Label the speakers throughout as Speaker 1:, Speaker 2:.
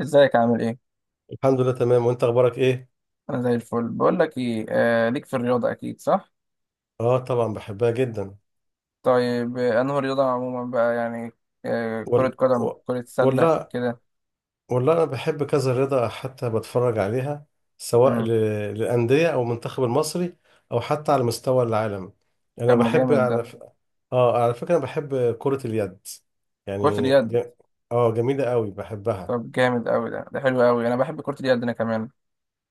Speaker 1: ازيك عامل ايه؟
Speaker 2: الحمد لله، تمام. وانت اخبارك ايه؟
Speaker 1: انا زي الفل، بقول لك ايه آه ليك في الرياضة اكيد صح؟
Speaker 2: اه، طبعا بحبها جدا.
Speaker 1: طيب انه الرياضة عموما بقى يعني آه كرة
Speaker 2: وال...
Speaker 1: قدم
Speaker 2: و-
Speaker 1: كرة سلة
Speaker 2: ولا
Speaker 1: كده.
Speaker 2: ولا انا بحب كذا رياضه، حتى بتفرج عليها، سواء
Speaker 1: امم.
Speaker 2: للانديه او المنتخب المصري، او حتى على مستوى العالم.
Speaker 1: طب
Speaker 2: انا
Speaker 1: ما
Speaker 2: بحب
Speaker 1: جامد ده.
Speaker 2: على ف... اه على فكره، انا بحب كره اليد.
Speaker 1: كرة
Speaker 2: يعني
Speaker 1: اليد.
Speaker 2: ج... اه جميله قوي، بحبها.
Speaker 1: طب جامد قوي ده، ده حلو قوي، انا بحب كرة اليد انا كمان.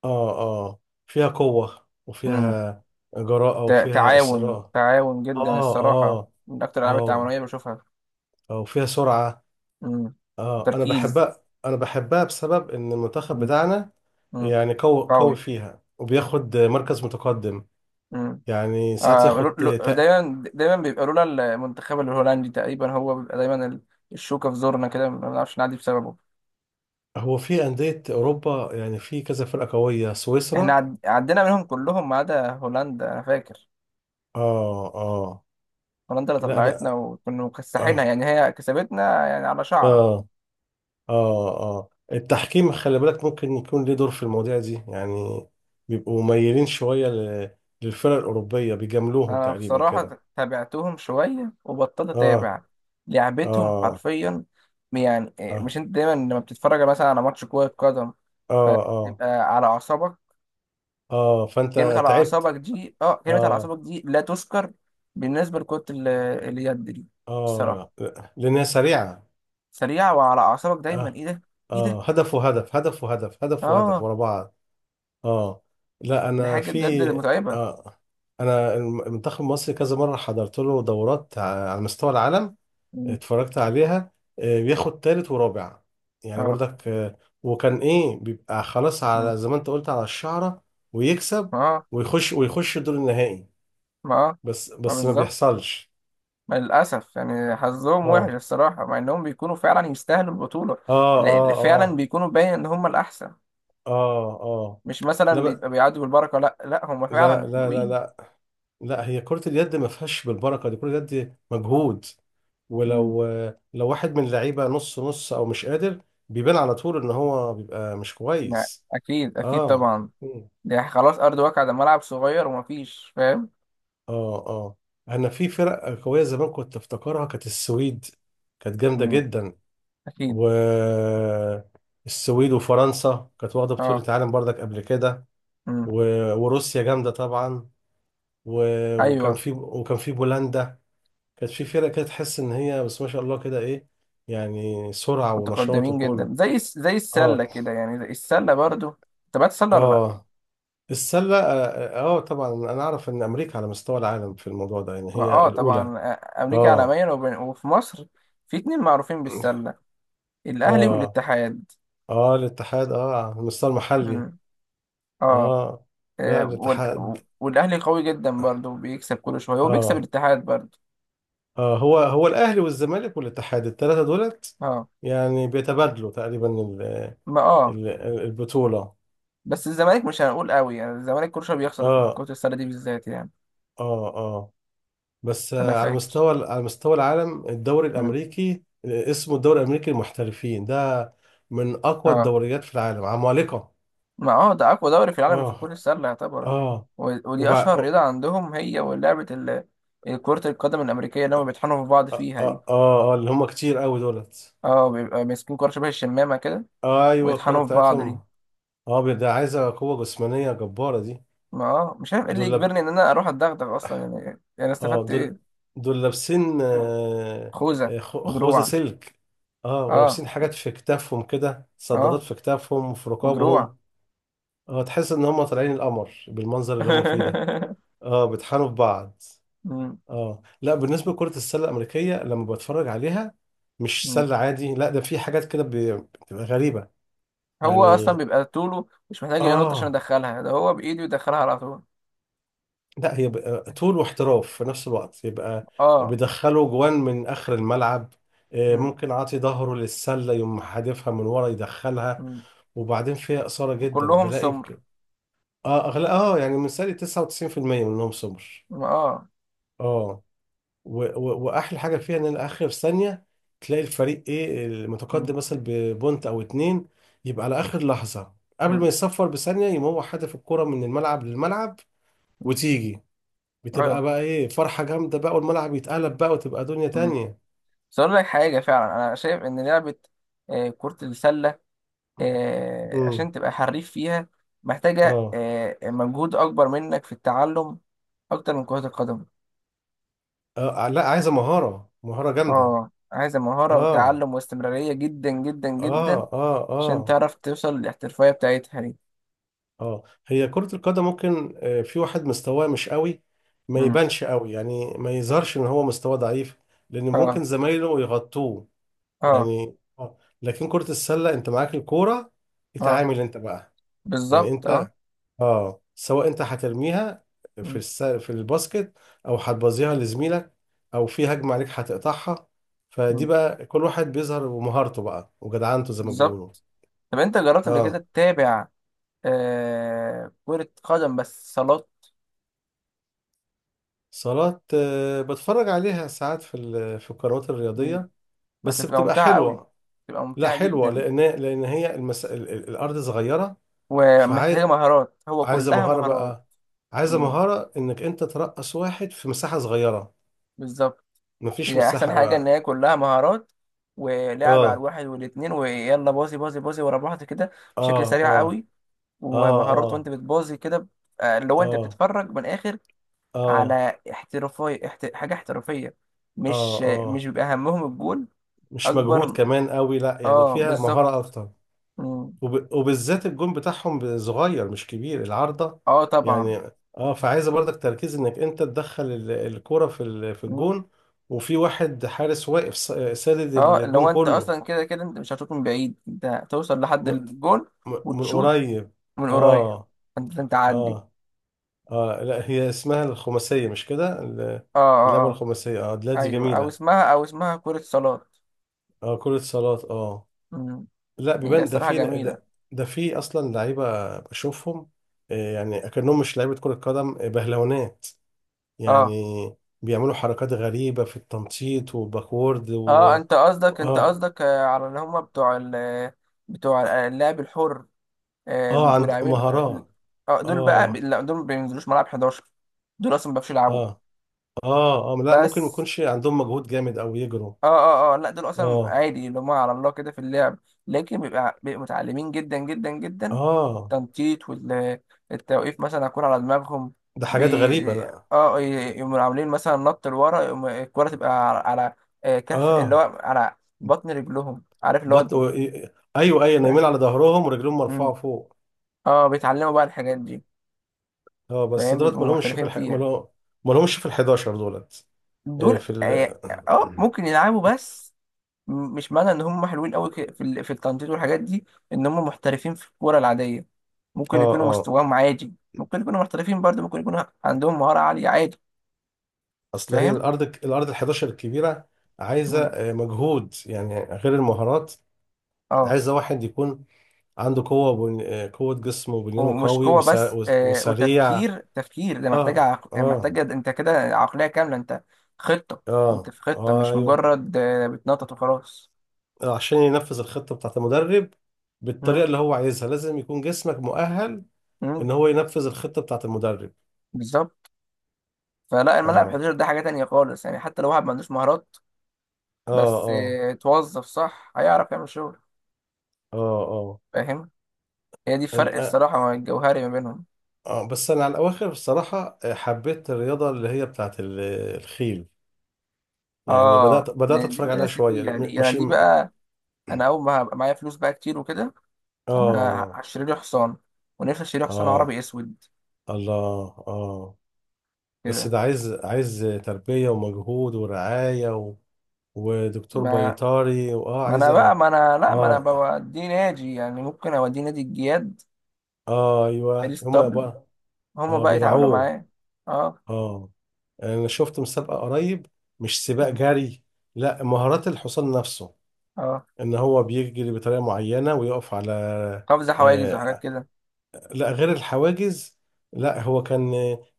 Speaker 2: اه اه فيها قوه،
Speaker 1: امم.
Speaker 2: وفيها جراءه، وفيها
Speaker 1: تعاون،
Speaker 2: اصرار.
Speaker 1: تعاون جدا
Speaker 2: اه
Speaker 1: الصراحة،
Speaker 2: اه
Speaker 1: من اكتر الالعاب
Speaker 2: اه
Speaker 1: التعاونية بشوفها.
Speaker 2: اه وفيها سرعه.
Speaker 1: امم.
Speaker 2: اه انا
Speaker 1: تركيز.
Speaker 2: بحبها، انا بحبها بسبب ان المنتخب بتاعنا
Speaker 1: امم.
Speaker 2: يعني قوي
Speaker 1: قوي.
Speaker 2: قوي فيها، وبياخد مركز متقدم. يعني ساعات
Speaker 1: آه
Speaker 2: ياخد تق.
Speaker 1: دايما، دايما بيبقى لولا المنتخب الهولندي تقريبا، هو بيبقى دايما الشوكة في زورنا كده، ما بنعرفش نعدي بسببه.
Speaker 2: هو في أندية أوروبا، يعني في كذا فرقة قوية،
Speaker 1: احنا
Speaker 2: سويسرا.
Speaker 1: عدينا منهم كلهم ما عدا هولندا انا فاكر.
Speaker 2: اه اه
Speaker 1: هولندا اللي
Speaker 2: لا،
Speaker 1: طلعتنا
Speaker 2: ده.
Speaker 1: وكنا مكسحينها،
Speaker 2: اه
Speaker 1: يعني هي كسبتنا يعني على شعرة.
Speaker 2: اه اه التحكيم، خلي بالك ممكن يكون ليه دور في المواضيع دي يعني. بيبقوا ميالين شوية للفرق الأوروبية، بيجاملوهم
Speaker 1: انا
Speaker 2: تقريبا كده.
Speaker 1: بصراحة تابعتهم شوية وبطلت
Speaker 2: اه
Speaker 1: اتابع لعبتهم
Speaker 2: اه
Speaker 1: حرفيا. يعني إيه،
Speaker 2: اه
Speaker 1: مش انت دايما لما بتتفرج مثلا على ماتش كرة قدم
Speaker 2: اه اه
Speaker 1: فتبقى على أعصابك؟
Speaker 2: اه
Speaker 1: كلمة
Speaker 2: فانت
Speaker 1: على
Speaker 2: تعبت.
Speaker 1: أعصابك دي، اه كلمة على
Speaker 2: اه
Speaker 1: أعصابك دي لا تذكر بالنسبة لكرة اليد دي الصراحة.
Speaker 2: اه لأنها سريعة.
Speaker 1: سريعة وعلى أعصابك دايما،
Speaker 2: اه
Speaker 1: ايه ده؟ ايه ده؟
Speaker 2: اه هدف وهدف، هدف وهدف، هدف وهدف
Speaker 1: اه،
Speaker 2: ورا بعض. اه لا،
Speaker 1: دي
Speaker 2: أنا
Speaker 1: حاجة بجد
Speaker 2: في.
Speaker 1: متعبة.
Speaker 2: آه أنا المنتخب المصري كذا مرة حضرت له دورات على مستوى العالم،
Speaker 1: مم.
Speaker 2: اتفرجت عليها. بياخد تالت ورابع يعني،
Speaker 1: اه.
Speaker 2: برضك، وكان إيه بيبقى خلاص،
Speaker 1: مم.
Speaker 2: على زي ما أنت قلت، على الشعرة، ويكسب،
Speaker 1: اه.
Speaker 2: ويخش الدور النهائي.
Speaker 1: ما اه،
Speaker 2: بس
Speaker 1: ما
Speaker 2: بس ما
Speaker 1: بالظبط.
Speaker 2: بيحصلش.
Speaker 1: ما للأسف يعني حظهم وحش
Speaker 2: اه
Speaker 1: الصراحة، مع إنهم بيكونوا فعلا يستاهلوا البطولة.
Speaker 2: اه اه
Speaker 1: فعلا
Speaker 2: اه
Speaker 1: بيكونوا باين إن هم الأحسن،
Speaker 2: اه اه
Speaker 1: مش مثلا
Speaker 2: لا،
Speaker 1: بيبقى بيعدوا بالبركة، لا لا هم فعلا
Speaker 2: لا، لا، لا،
Speaker 1: حلوين.
Speaker 2: لا. لا، هي كرة اليد ما فيهاش بالبركة، دي كرة اليد مجهود.
Speaker 1: مم.
Speaker 2: ولو واحد من اللعيبة نص نص، او مش قادر، بيبان على طول ان هو بيبقى مش
Speaker 1: لا،
Speaker 2: كويس.
Speaker 1: أكيد أكيد
Speaker 2: اه.
Speaker 1: طبعا.
Speaker 2: مم.
Speaker 1: دي خلاص ارض واقع، ده ملعب صغير ومفيش فاهم.
Speaker 2: اه اه انا في فرق قوية زمان كنت افتكرها، كانت السويد، كانت جامدة
Speaker 1: مم.
Speaker 2: جدا.
Speaker 1: اكيد.
Speaker 2: و السويد وفرنسا كانت واخدة بطولة
Speaker 1: اه.
Speaker 2: عالم بردك قبل كده.
Speaker 1: مم.
Speaker 2: و... وروسيا جامدة طبعا. و... وكان
Speaker 1: ايوه.
Speaker 2: في وكان في بولندا، كانت في فرق كده تحس ان هي، بس ما شاء الله كده ايه، يعني سرعة ونشاط
Speaker 1: متقدمين جدا
Speaker 2: وكل.
Speaker 1: زي زي
Speaker 2: اه
Speaker 1: السله كده يعني، زي السله برضو. تبعت السله ولا لا؟
Speaker 2: اه السلة. طبعا انا اعرف ان امريكا على مستوى العالم في الموضوع ده، يعني
Speaker 1: ما
Speaker 2: هي
Speaker 1: اه
Speaker 2: الاولى.
Speaker 1: طبعا، آه، امريكا
Speaker 2: اه
Speaker 1: عالميا وفي مصر في اتنين معروفين بالسله، الاهلي
Speaker 2: اه
Speaker 1: والاتحاد.
Speaker 2: اه الاتحاد، على المستوى المحلي.
Speaker 1: مم. اه.
Speaker 2: اه لا،
Speaker 1: آه،
Speaker 2: الاتحاد.
Speaker 1: والاهلي قوي جدا برضو بيكسب كل شويه، وبيكسب
Speaker 2: اه
Speaker 1: الاتحاد برضو.
Speaker 2: اه هو الاهلي والزمالك والاتحاد، الثلاثة دولت
Speaker 1: اه.
Speaker 2: يعني بيتبادلوا تقريبا
Speaker 1: ما اه.
Speaker 2: ال- البطولة.
Speaker 1: بس الزمالك مش هنقول قوي يعني، الزمالك كل شويه بيخسر في
Speaker 2: اه
Speaker 1: كرة السله دي بالذات يعني.
Speaker 2: اه اه بس،
Speaker 1: انا
Speaker 2: على
Speaker 1: فاكر.
Speaker 2: مستوى على مستوى العالم، الدوري الامريكي، اسمه الدوري الامريكي المحترفين، ده من اقوى
Speaker 1: اه،
Speaker 2: الدوريات في العالم، عمالقه.
Speaker 1: ما اه ده اقوى دوري في العالم في كرة
Speaker 2: اه
Speaker 1: السلة يعتبر.
Speaker 2: اه
Speaker 1: ودي
Speaker 2: وبع...
Speaker 1: اشهر
Speaker 2: اه
Speaker 1: رياضة عندهم هي، ولعبة كرة القدم الامريكية اللي هم بيطحنوا في بعض
Speaker 2: اه,
Speaker 1: فيها دي.
Speaker 2: آه, آه اللي هم كتير قوي دولت.
Speaker 1: اه بيبقى ماسكين كرة شبه الشمامة كده،
Speaker 2: ايوه، الكرة
Speaker 1: ويطحنوا في بعض دي.
Speaker 2: بتاعتهم. اه ده عايزه قوه جسمانيه جباره دي.
Speaker 1: ما اه، مش عارف ايه اللي
Speaker 2: دول لاب...
Speaker 1: يجبرني ان انا اروح اتدغدغ اصلا يعني، يعني
Speaker 2: اه
Speaker 1: استفدت
Speaker 2: دول
Speaker 1: ايه؟
Speaker 2: دول لابسين،
Speaker 1: خوذة.
Speaker 2: خوذه
Speaker 1: ودروع.
Speaker 2: سلك. اه
Speaker 1: اه.
Speaker 2: ولابسين حاجات في كتافهم كده، صدادات
Speaker 1: اه.
Speaker 2: في كتافهم وفي
Speaker 1: ودروع.
Speaker 2: رقابهم. اه تحس ان هم طالعين القمر بالمنظر اللي هم فيه ده. اه بيطحنوا في بعض.
Speaker 1: مم.
Speaker 2: اه لا، بالنسبه لكره السله الامريكيه لما بتفرج عليها، مش
Speaker 1: مم.
Speaker 2: سله عادي، لا، ده في حاجات كده بتبقى غريبه
Speaker 1: هو اصلا
Speaker 2: يعني.
Speaker 1: بيبقى طوله مش محتاج ينط عشان
Speaker 2: اه
Speaker 1: يدخلها، ده هو بايده يدخلها على طول.
Speaker 2: لا، هي بقى طول واحتراف في نفس الوقت، يبقى
Speaker 1: اه.
Speaker 2: بيدخلوا جوان من اخر الملعب.
Speaker 1: مم.
Speaker 2: ممكن عاطي ظهره للسله، يقوم حادفها من ورا يدخلها.
Speaker 1: مم.
Speaker 2: وبعدين فيها اثاره جدا،
Speaker 1: كلهم
Speaker 2: بلاقي
Speaker 1: سمر.
Speaker 2: بك... اه أغلى... اه يعني من سالي، 99% منهم سمر.
Speaker 1: اه.
Speaker 2: اه واحلى حاجه فيها ان أنا اخر ثانيه، تلاقي الفريق ايه، المتقدم
Speaker 1: مم.
Speaker 2: مثلا ببونت او اتنين، يبقى على اخر لحظه، قبل ما
Speaker 1: مم.
Speaker 2: يصفر بثانيه، يقوم هو حادف الكره من الملعب للملعب،
Speaker 1: مم.
Speaker 2: وتيجي، بتبقى
Speaker 1: ايوه.
Speaker 2: بقى ايه فرحه جامده بقى، والملعب يتقلب بقى، وتبقى دنيا
Speaker 1: مم.
Speaker 2: تانية.
Speaker 1: بس اقول لك حاجه فعلا، انا شايف ان لعبه آه، كره السله، آه،
Speaker 2: امم
Speaker 1: عشان تبقى حريف فيها محتاجه
Speaker 2: اه
Speaker 1: آه، مجهود اكبر منك في التعلم اكتر من كره القدم.
Speaker 2: لا، عايزه مهاره، مهاره جامده.
Speaker 1: اه عايزه مهاره
Speaker 2: اه
Speaker 1: وتعلم واستمراريه جدا جدا
Speaker 2: اه
Speaker 1: جدا
Speaker 2: اه
Speaker 1: عشان
Speaker 2: اه
Speaker 1: تعرف توصل للاحترافيه بتاعتها دي.
Speaker 2: اه هي كرة القدم ممكن، في واحد مستواه مش قوي، ما
Speaker 1: مم.
Speaker 2: يبانش قوي، يعني ما يظهرش ان هو مستواه ضعيف، لان ممكن
Speaker 1: اه.
Speaker 2: زمايله يغطوه
Speaker 1: اه.
Speaker 2: يعني. اه لكن كرة السلة، انت معاك الكورة،
Speaker 1: اه.
Speaker 2: اتعامل انت بقى. يعني
Speaker 1: بالظبط. اه.
Speaker 2: انت، اه سواء انت هترميها
Speaker 1: مم.
Speaker 2: في الباسكت، او هتبظيها لزميلك، او في هجمة عليك هتقطعها، فدي
Speaker 1: مم.
Speaker 2: بقى كل واحد بيظهر بمهارته بقى، وجدعنته زي ما بيقولوا.
Speaker 1: بالظبط. طب انت جربت قبل كده
Speaker 2: اه
Speaker 1: تتابع آه كرة قدم بس صالات؟
Speaker 2: صالات. بتفرج عليها ساعات في القنوات
Speaker 1: مم.
Speaker 2: الرياضية،
Speaker 1: بس
Speaker 2: بس
Speaker 1: هتبقى
Speaker 2: بتبقى
Speaker 1: ممتعة قوي،
Speaker 2: حلوة.
Speaker 1: تبقى
Speaker 2: لا،
Speaker 1: ممتعة
Speaker 2: حلوة
Speaker 1: جدا
Speaker 2: لأن هي الأرض صغيرة،
Speaker 1: ومحتاجة
Speaker 2: فعايزة
Speaker 1: مهارات، هو كلها
Speaker 2: مهارة
Speaker 1: مهارات.
Speaker 2: بقى، عايزة
Speaker 1: مم.
Speaker 2: مهارة إنك أنت ترقص واحد في مساحة صغيرة،
Speaker 1: بالظبط.
Speaker 2: مفيش
Speaker 1: هي أحسن
Speaker 2: مساحة.
Speaker 1: حاجة إن
Speaker 2: و...
Speaker 1: هي كلها مهارات، ولعب على
Speaker 2: آه
Speaker 1: الواحد والاتنين، ويلا باظي باظي باظي ورا بعض كده بشكل
Speaker 2: آه
Speaker 1: سريع
Speaker 2: آه
Speaker 1: قوي.
Speaker 2: آه
Speaker 1: ومهارات وأنت
Speaker 2: آه
Speaker 1: بتباظي كده، آه، اللي هو أنت
Speaker 2: آه
Speaker 1: بتتفرج من الآخر
Speaker 2: آه
Speaker 1: على احترافية، حاجة احترافية،
Speaker 2: آه
Speaker 1: مش
Speaker 2: آه
Speaker 1: مش بيبقى همهم الجول.
Speaker 2: مش مجهود
Speaker 1: أكبر.
Speaker 2: كمان قوي، لا يعني
Speaker 1: اه
Speaker 2: فيها
Speaker 1: بالظبط.
Speaker 2: مهارة أكتر.
Speaker 1: مم.
Speaker 2: وبالذات الجون بتاعهم صغير، مش كبير العارضة
Speaker 1: اه طبعا.
Speaker 2: يعني. اه فعايزة برضك تركيز انك انت تدخل الكرة في
Speaker 1: مم.
Speaker 2: الجون، وفي واحد حارس واقف سادد
Speaker 1: اه
Speaker 2: الجون
Speaker 1: لو انت
Speaker 2: كله،
Speaker 1: اصلا كده كده انت مش هتشوط من بعيد، انت هتوصل لحد
Speaker 2: م...
Speaker 1: الجول
Speaker 2: من
Speaker 1: وتشوط
Speaker 2: قريب.
Speaker 1: من قريب.
Speaker 2: اه
Speaker 1: انت انت عدي.
Speaker 2: اه اه لا، هي اسمها الخماسية، مش كده
Speaker 1: اه. اه.
Speaker 2: اللعبة
Speaker 1: اه.
Speaker 2: الخماسية. اه لا، دي
Speaker 1: ايوه، او
Speaker 2: جميلة.
Speaker 1: اسمها او اسمها كرة صالات.
Speaker 2: اه كرة صالات. اه
Speaker 1: مم.
Speaker 2: لا،
Speaker 1: هي
Speaker 2: بيبان ده
Speaker 1: الصراحة
Speaker 2: في
Speaker 1: جميلة.
Speaker 2: ده، ده في اصلا لعيبة بشوفهم، يعني اكنهم مش لعيبة كرة قدم، بهلونات
Speaker 1: اه.
Speaker 2: يعني، بيعملوا حركات غريبة في التنطيط وباكورد
Speaker 1: اه
Speaker 2: و...
Speaker 1: انت قصدك انت
Speaker 2: اه
Speaker 1: قصدك آه، على اللي هم بتوع ال، بتوع اللعب الحر، آه،
Speaker 2: اه
Speaker 1: بيبقوا
Speaker 2: عند
Speaker 1: لاعبين.
Speaker 2: مهارات.
Speaker 1: اه دول بقى
Speaker 2: اه
Speaker 1: لا دول ما بينزلوش ملعب 11. دول اصلا ما بيعرفوش يلعبوا
Speaker 2: اه اه لا، ممكن ما
Speaker 1: بس.
Speaker 2: يكونش عندهم مجهود جامد، او يجروا.
Speaker 1: اه اه اه، لا دول اصلا
Speaker 2: اه
Speaker 1: عادي اللي هم على الله كده في اللعب، لكن بيبقى متعلمين جدا جدا جدا.
Speaker 2: اه
Speaker 1: التنطيط والتوقيف مثلا هكون على دماغهم.
Speaker 2: ده حاجات غريبة،
Speaker 1: بي...
Speaker 2: لا.
Speaker 1: اه يقوموا عاملين مثلا نط لورا، يقوم الكرة تبقى على، على آه، كف اللي هو
Speaker 2: اه
Speaker 1: على بطن رجلهم، عارف اللي هو؟
Speaker 2: بط و... ايوه، ايوه، نايمين
Speaker 1: فاهم.
Speaker 2: على ظهرهم ورجلهم مرفوعة
Speaker 1: مم.
Speaker 2: فوق.
Speaker 1: اه بيتعلموا بقى الحاجات دي.
Speaker 2: اه بس
Speaker 1: فاهم
Speaker 2: دولت
Speaker 1: بيبقوا
Speaker 2: ما لهمش
Speaker 1: محترفين فيها.
Speaker 2: ما لهمش في ال 11 دولت. آه،
Speaker 1: دول
Speaker 2: في
Speaker 1: اه،
Speaker 2: ال
Speaker 1: آه، ممكن يلعبوا بس، مش معنى ان هم حلوين قوي في في التنطيط والحاجات دي ان هم محترفين في الكوره العاديه.
Speaker 2: اه
Speaker 1: ممكن يكونوا
Speaker 2: آه.
Speaker 1: مستواهم عادي، ممكن يكونوا محترفين برضه، ممكن يكونوا عندهم مهاره عاليه عادي.
Speaker 2: اصل هي
Speaker 1: فاهم.
Speaker 2: الارض ال 11 الكبيره، عايزه،
Speaker 1: م.
Speaker 2: مجهود يعني غير المهارات،
Speaker 1: اه.
Speaker 2: عايزه واحد يكون عنده قوه قوه جسم، وبنيانه
Speaker 1: ومش
Speaker 2: قوي،
Speaker 1: قوه بس آه،
Speaker 2: وسريع.
Speaker 1: وتفكير، تفكير ده محتاج
Speaker 2: اه اه
Speaker 1: محتاجه انت كده عقليه كامله، انت خطه، انت في خطه مش
Speaker 2: ايوه،
Speaker 1: مجرد آه بتنطط وخلاص.
Speaker 2: عشان ينفذ الخطه بتاعت المدرب،
Speaker 1: م.
Speaker 2: بالطريقه اللي هو عايزها، لازم يكون جسمك مؤهل
Speaker 1: م.
Speaker 2: ان هو ينفذ الخطه بتاعت المدرب.
Speaker 1: بالظبط. فلا الملعب
Speaker 2: اه
Speaker 1: 11 ده حاجه تانية خالص يعني، حتى لو واحد ما عندوش مهارات
Speaker 2: اه
Speaker 1: بس
Speaker 2: اه
Speaker 1: آه، توظف صح هيعرف يعمل شغل.
Speaker 2: اه اه
Speaker 1: فاهم. هي دي الفرق
Speaker 2: أنت- آه
Speaker 1: الصراحة، ما الجوهري ما بينهم.
Speaker 2: بس انا على الاواخر، الصراحه، حبيت الرياضه اللي هي بتاعت الخيل. يعني بدأت
Speaker 1: اه دي
Speaker 2: بدأت
Speaker 1: دي اللي
Speaker 2: أتفرج عليها
Speaker 1: الناس اللي
Speaker 2: شوية.
Speaker 1: فيها دي
Speaker 2: م-
Speaker 1: يعني،
Speaker 2: مش
Speaker 1: دي
Speaker 2: م-
Speaker 1: بقى انا اول ما هبقى معايا فلوس بقى كتير وكده انا
Speaker 2: آه
Speaker 1: هشتري لي حصان، ونفسي اشتري حصان عربي
Speaker 2: آه
Speaker 1: اسود
Speaker 2: الله. بس
Speaker 1: كده.
Speaker 2: ده عايز تربية ومجهود ورعاية ودكتور
Speaker 1: ما
Speaker 2: بيطري،
Speaker 1: ما انا بقى،
Speaker 2: عايزة.
Speaker 1: ما انا لا، ما انا
Speaker 2: آه
Speaker 1: بوديه نادي يعني، ممكن اوديه نادي الجياد،
Speaker 2: أيوه،
Speaker 1: باريس
Speaker 2: هما
Speaker 1: طبل،
Speaker 2: بقى.
Speaker 1: هما بقى يتعاملوا
Speaker 2: بيرعوه.
Speaker 1: معاه. اه.
Speaker 2: آه أنا شفت مسابقة قريب، مش سباق
Speaker 1: مم.
Speaker 2: جري، لا، مهارات الحصان نفسه،
Speaker 1: اه.
Speaker 2: إن هو بيجري بطريقة معينة، ويقف على...
Speaker 1: قفز حواجز وحاجات
Speaker 2: آه،
Speaker 1: كده.
Speaker 2: لا، غير الحواجز. لا، هو كان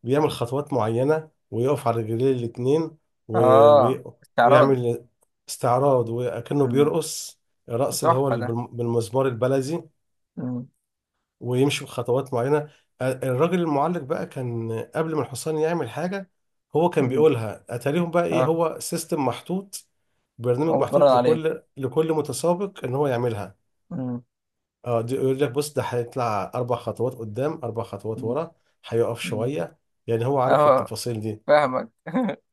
Speaker 2: بيعمل خطوات معينة، ويقف على رجليه الاتنين، و-
Speaker 1: اه
Speaker 2: وي-
Speaker 1: استعراض.
Speaker 2: ويعمل استعراض، وكأنه
Speaker 1: مم.
Speaker 2: بيرقص، الرقص اللي هو
Speaker 1: تحفة ده.
Speaker 2: بالمزمار البلدي،
Speaker 1: مم.
Speaker 2: ويمشي بخطوات معينة. الراجل المعلق بقى، كان قبل ما الحصان يعمل حاجة، هو كان
Speaker 1: مم.
Speaker 2: بيقولها. أتاريهم بقى إيه،
Speaker 1: اه
Speaker 2: هو سيستم محطوط، برنامج
Speaker 1: هو متمرن
Speaker 2: محطوط
Speaker 1: عليه.
Speaker 2: لكل متسابق إن هو يعملها.
Speaker 1: مم.
Speaker 2: اه دي يقول لك بص، ده هيطلع اربع خطوات قدام، اربع خطوات ورا، هيقف
Speaker 1: مم.
Speaker 2: شويه، يعني هو عارف
Speaker 1: اه
Speaker 2: التفاصيل دي.
Speaker 1: فاهمك.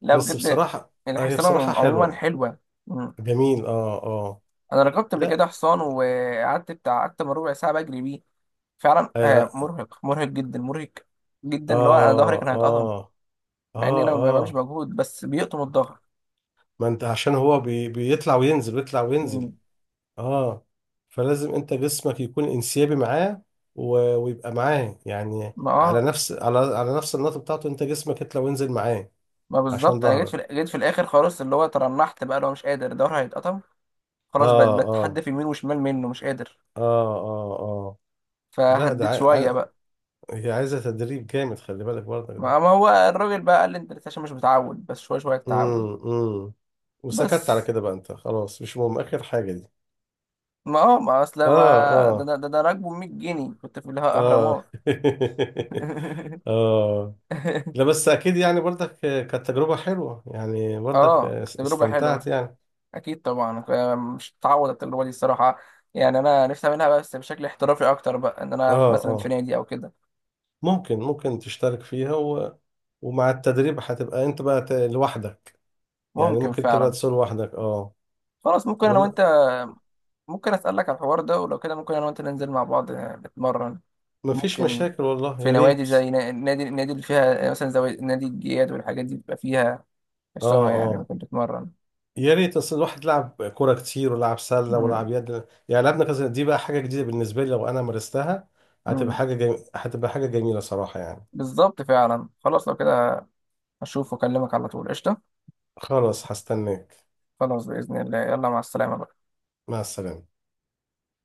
Speaker 1: لا
Speaker 2: بس
Speaker 1: بجد
Speaker 2: بصراحه، هي
Speaker 1: الحصانة
Speaker 2: بصراحه
Speaker 1: عموما
Speaker 2: حلوه،
Speaker 1: حلوة. مم.
Speaker 2: جميل. اه اه
Speaker 1: انا ركبت قبل كده
Speaker 2: لا
Speaker 1: حصان وقعدت بتاع اكتر من ربع ساعة بجري بيه، فعلا آه،
Speaker 2: اه
Speaker 1: مرهق، مرهق جدا، مرهق جدا، اللي هو انا ظهري
Speaker 2: اه
Speaker 1: كان هيتقطم
Speaker 2: اه اه,
Speaker 1: مع اني انا ما بعملش
Speaker 2: آه.
Speaker 1: مجهود، بس بيقطم الظهر.
Speaker 2: ما انت عشان هو بيطلع وينزل، ويطلع وينزل.
Speaker 1: مم.
Speaker 2: اه فلازم انت جسمك يكون انسيابي معاه، ويبقى معاه يعني،
Speaker 1: ما
Speaker 2: على
Speaker 1: اه،
Speaker 2: نفس على على نفس النقطه بتاعته، انت جسمك يطلع وينزل معاه،
Speaker 1: ما
Speaker 2: عشان
Speaker 1: بالظبط، انا جيت في
Speaker 2: ظهرك.
Speaker 1: جيت في الاخر خلاص، اللي هو ترنحت بقى، لو مش قادر ظهري هيتقطم خلاص، بقت
Speaker 2: اه اه
Speaker 1: بتحدى في يمين وشمال، منه مش قادر،
Speaker 2: اه اه اه لا، ده
Speaker 1: فهديت شوية بقى.
Speaker 2: هي عايزة تدريب جامد، خلي بالك برضك ده.
Speaker 1: ما ما هو الراجل بقى قال لي انت لسه عشان مش متعود، بس شوية شوية تتعود.
Speaker 2: امم امم وسكت على
Speaker 1: بس
Speaker 2: كده بقى، انت خلاص مش مهم اخر حاجة دي.
Speaker 1: ما اه، ما اصل ما
Speaker 2: اه
Speaker 1: ده
Speaker 2: اه
Speaker 1: انا، ده انا راكبه ب 100 جنيه كنت في الاهرامات.
Speaker 2: اه اه لا، بس اكيد، يعني برضك كانت تجربة حلوة، يعني برضك
Speaker 1: اه تجربه
Speaker 2: استمتعت
Speaker 1: حلوه،
Speaker 2: يعني.
Speaker 1: اكيد طبعا، ف- مش هتعوض التجربه دي الصراحه، يعني انا نفسي اعملها بقى بس بشكل احترافي اكتر بقى، ان انا في
Speaker 2: اه
Speaker 1: مثلا في
Speaker 2: اه
Speaker 1: نادي او كده.
Speaker 2: ممكن تشترك فيها، ومع التدريب هتبقى انت بقى لوحدك، يعني
Speaker 1: ممكن
Speaker 2: ممكن تبقى
Speaker 1: فعلا،
Speaker 2: تسوق لوحدك. اه
Speaker 1: خلاص ممكن انا
Speaker 2: ولا
Speaker 1: وانت، ممكن اسالك على الحوار ده؟ ولو كده ممكن انا وانت ننزل مع بعض آه، نتمرن.
Speaker 2: مفيش
Speaker 1: ممكن.
Speaker 2: مشاكل، والله
Speaker 1: في
Speaker 2: يا
Speaker 1: نوادي
Speaker 2: ريت.
Speaker 1: زي نادي، النادي اللي فيها آه، مثلا زي نادي الجياد والحاجات دي، بيبقى فيها
Speaker 2: اه
Speaker 1: حصانه يعني
Speaker 2: اه
Speaker 1: ممكن تتمرن.
Speaker 2: يا ريت، اصل الواحد لعب كوره كتير، ولعب سله،
Speaker 1: مم.
Speaker 2: ولعب يد، يعني لعبنا كذا. دي بقى حاجه جديده بالنسبه لي، لو انا مارستها هتبقى
Speaker 1: مم.
Speaker 2: حاجه جميله، هتبقى حاجه جميله صراحه يعني.
Speaker 1: بالظبط فعلا، خلاص لو كده هشوف واكلمك على طول، قشطة.
Speaker 2: خلاص، هستناك.
Speaker 1: خلاص بإذن الله، يلا مع السلامة بقى.
Speaker 2: مع السلامه.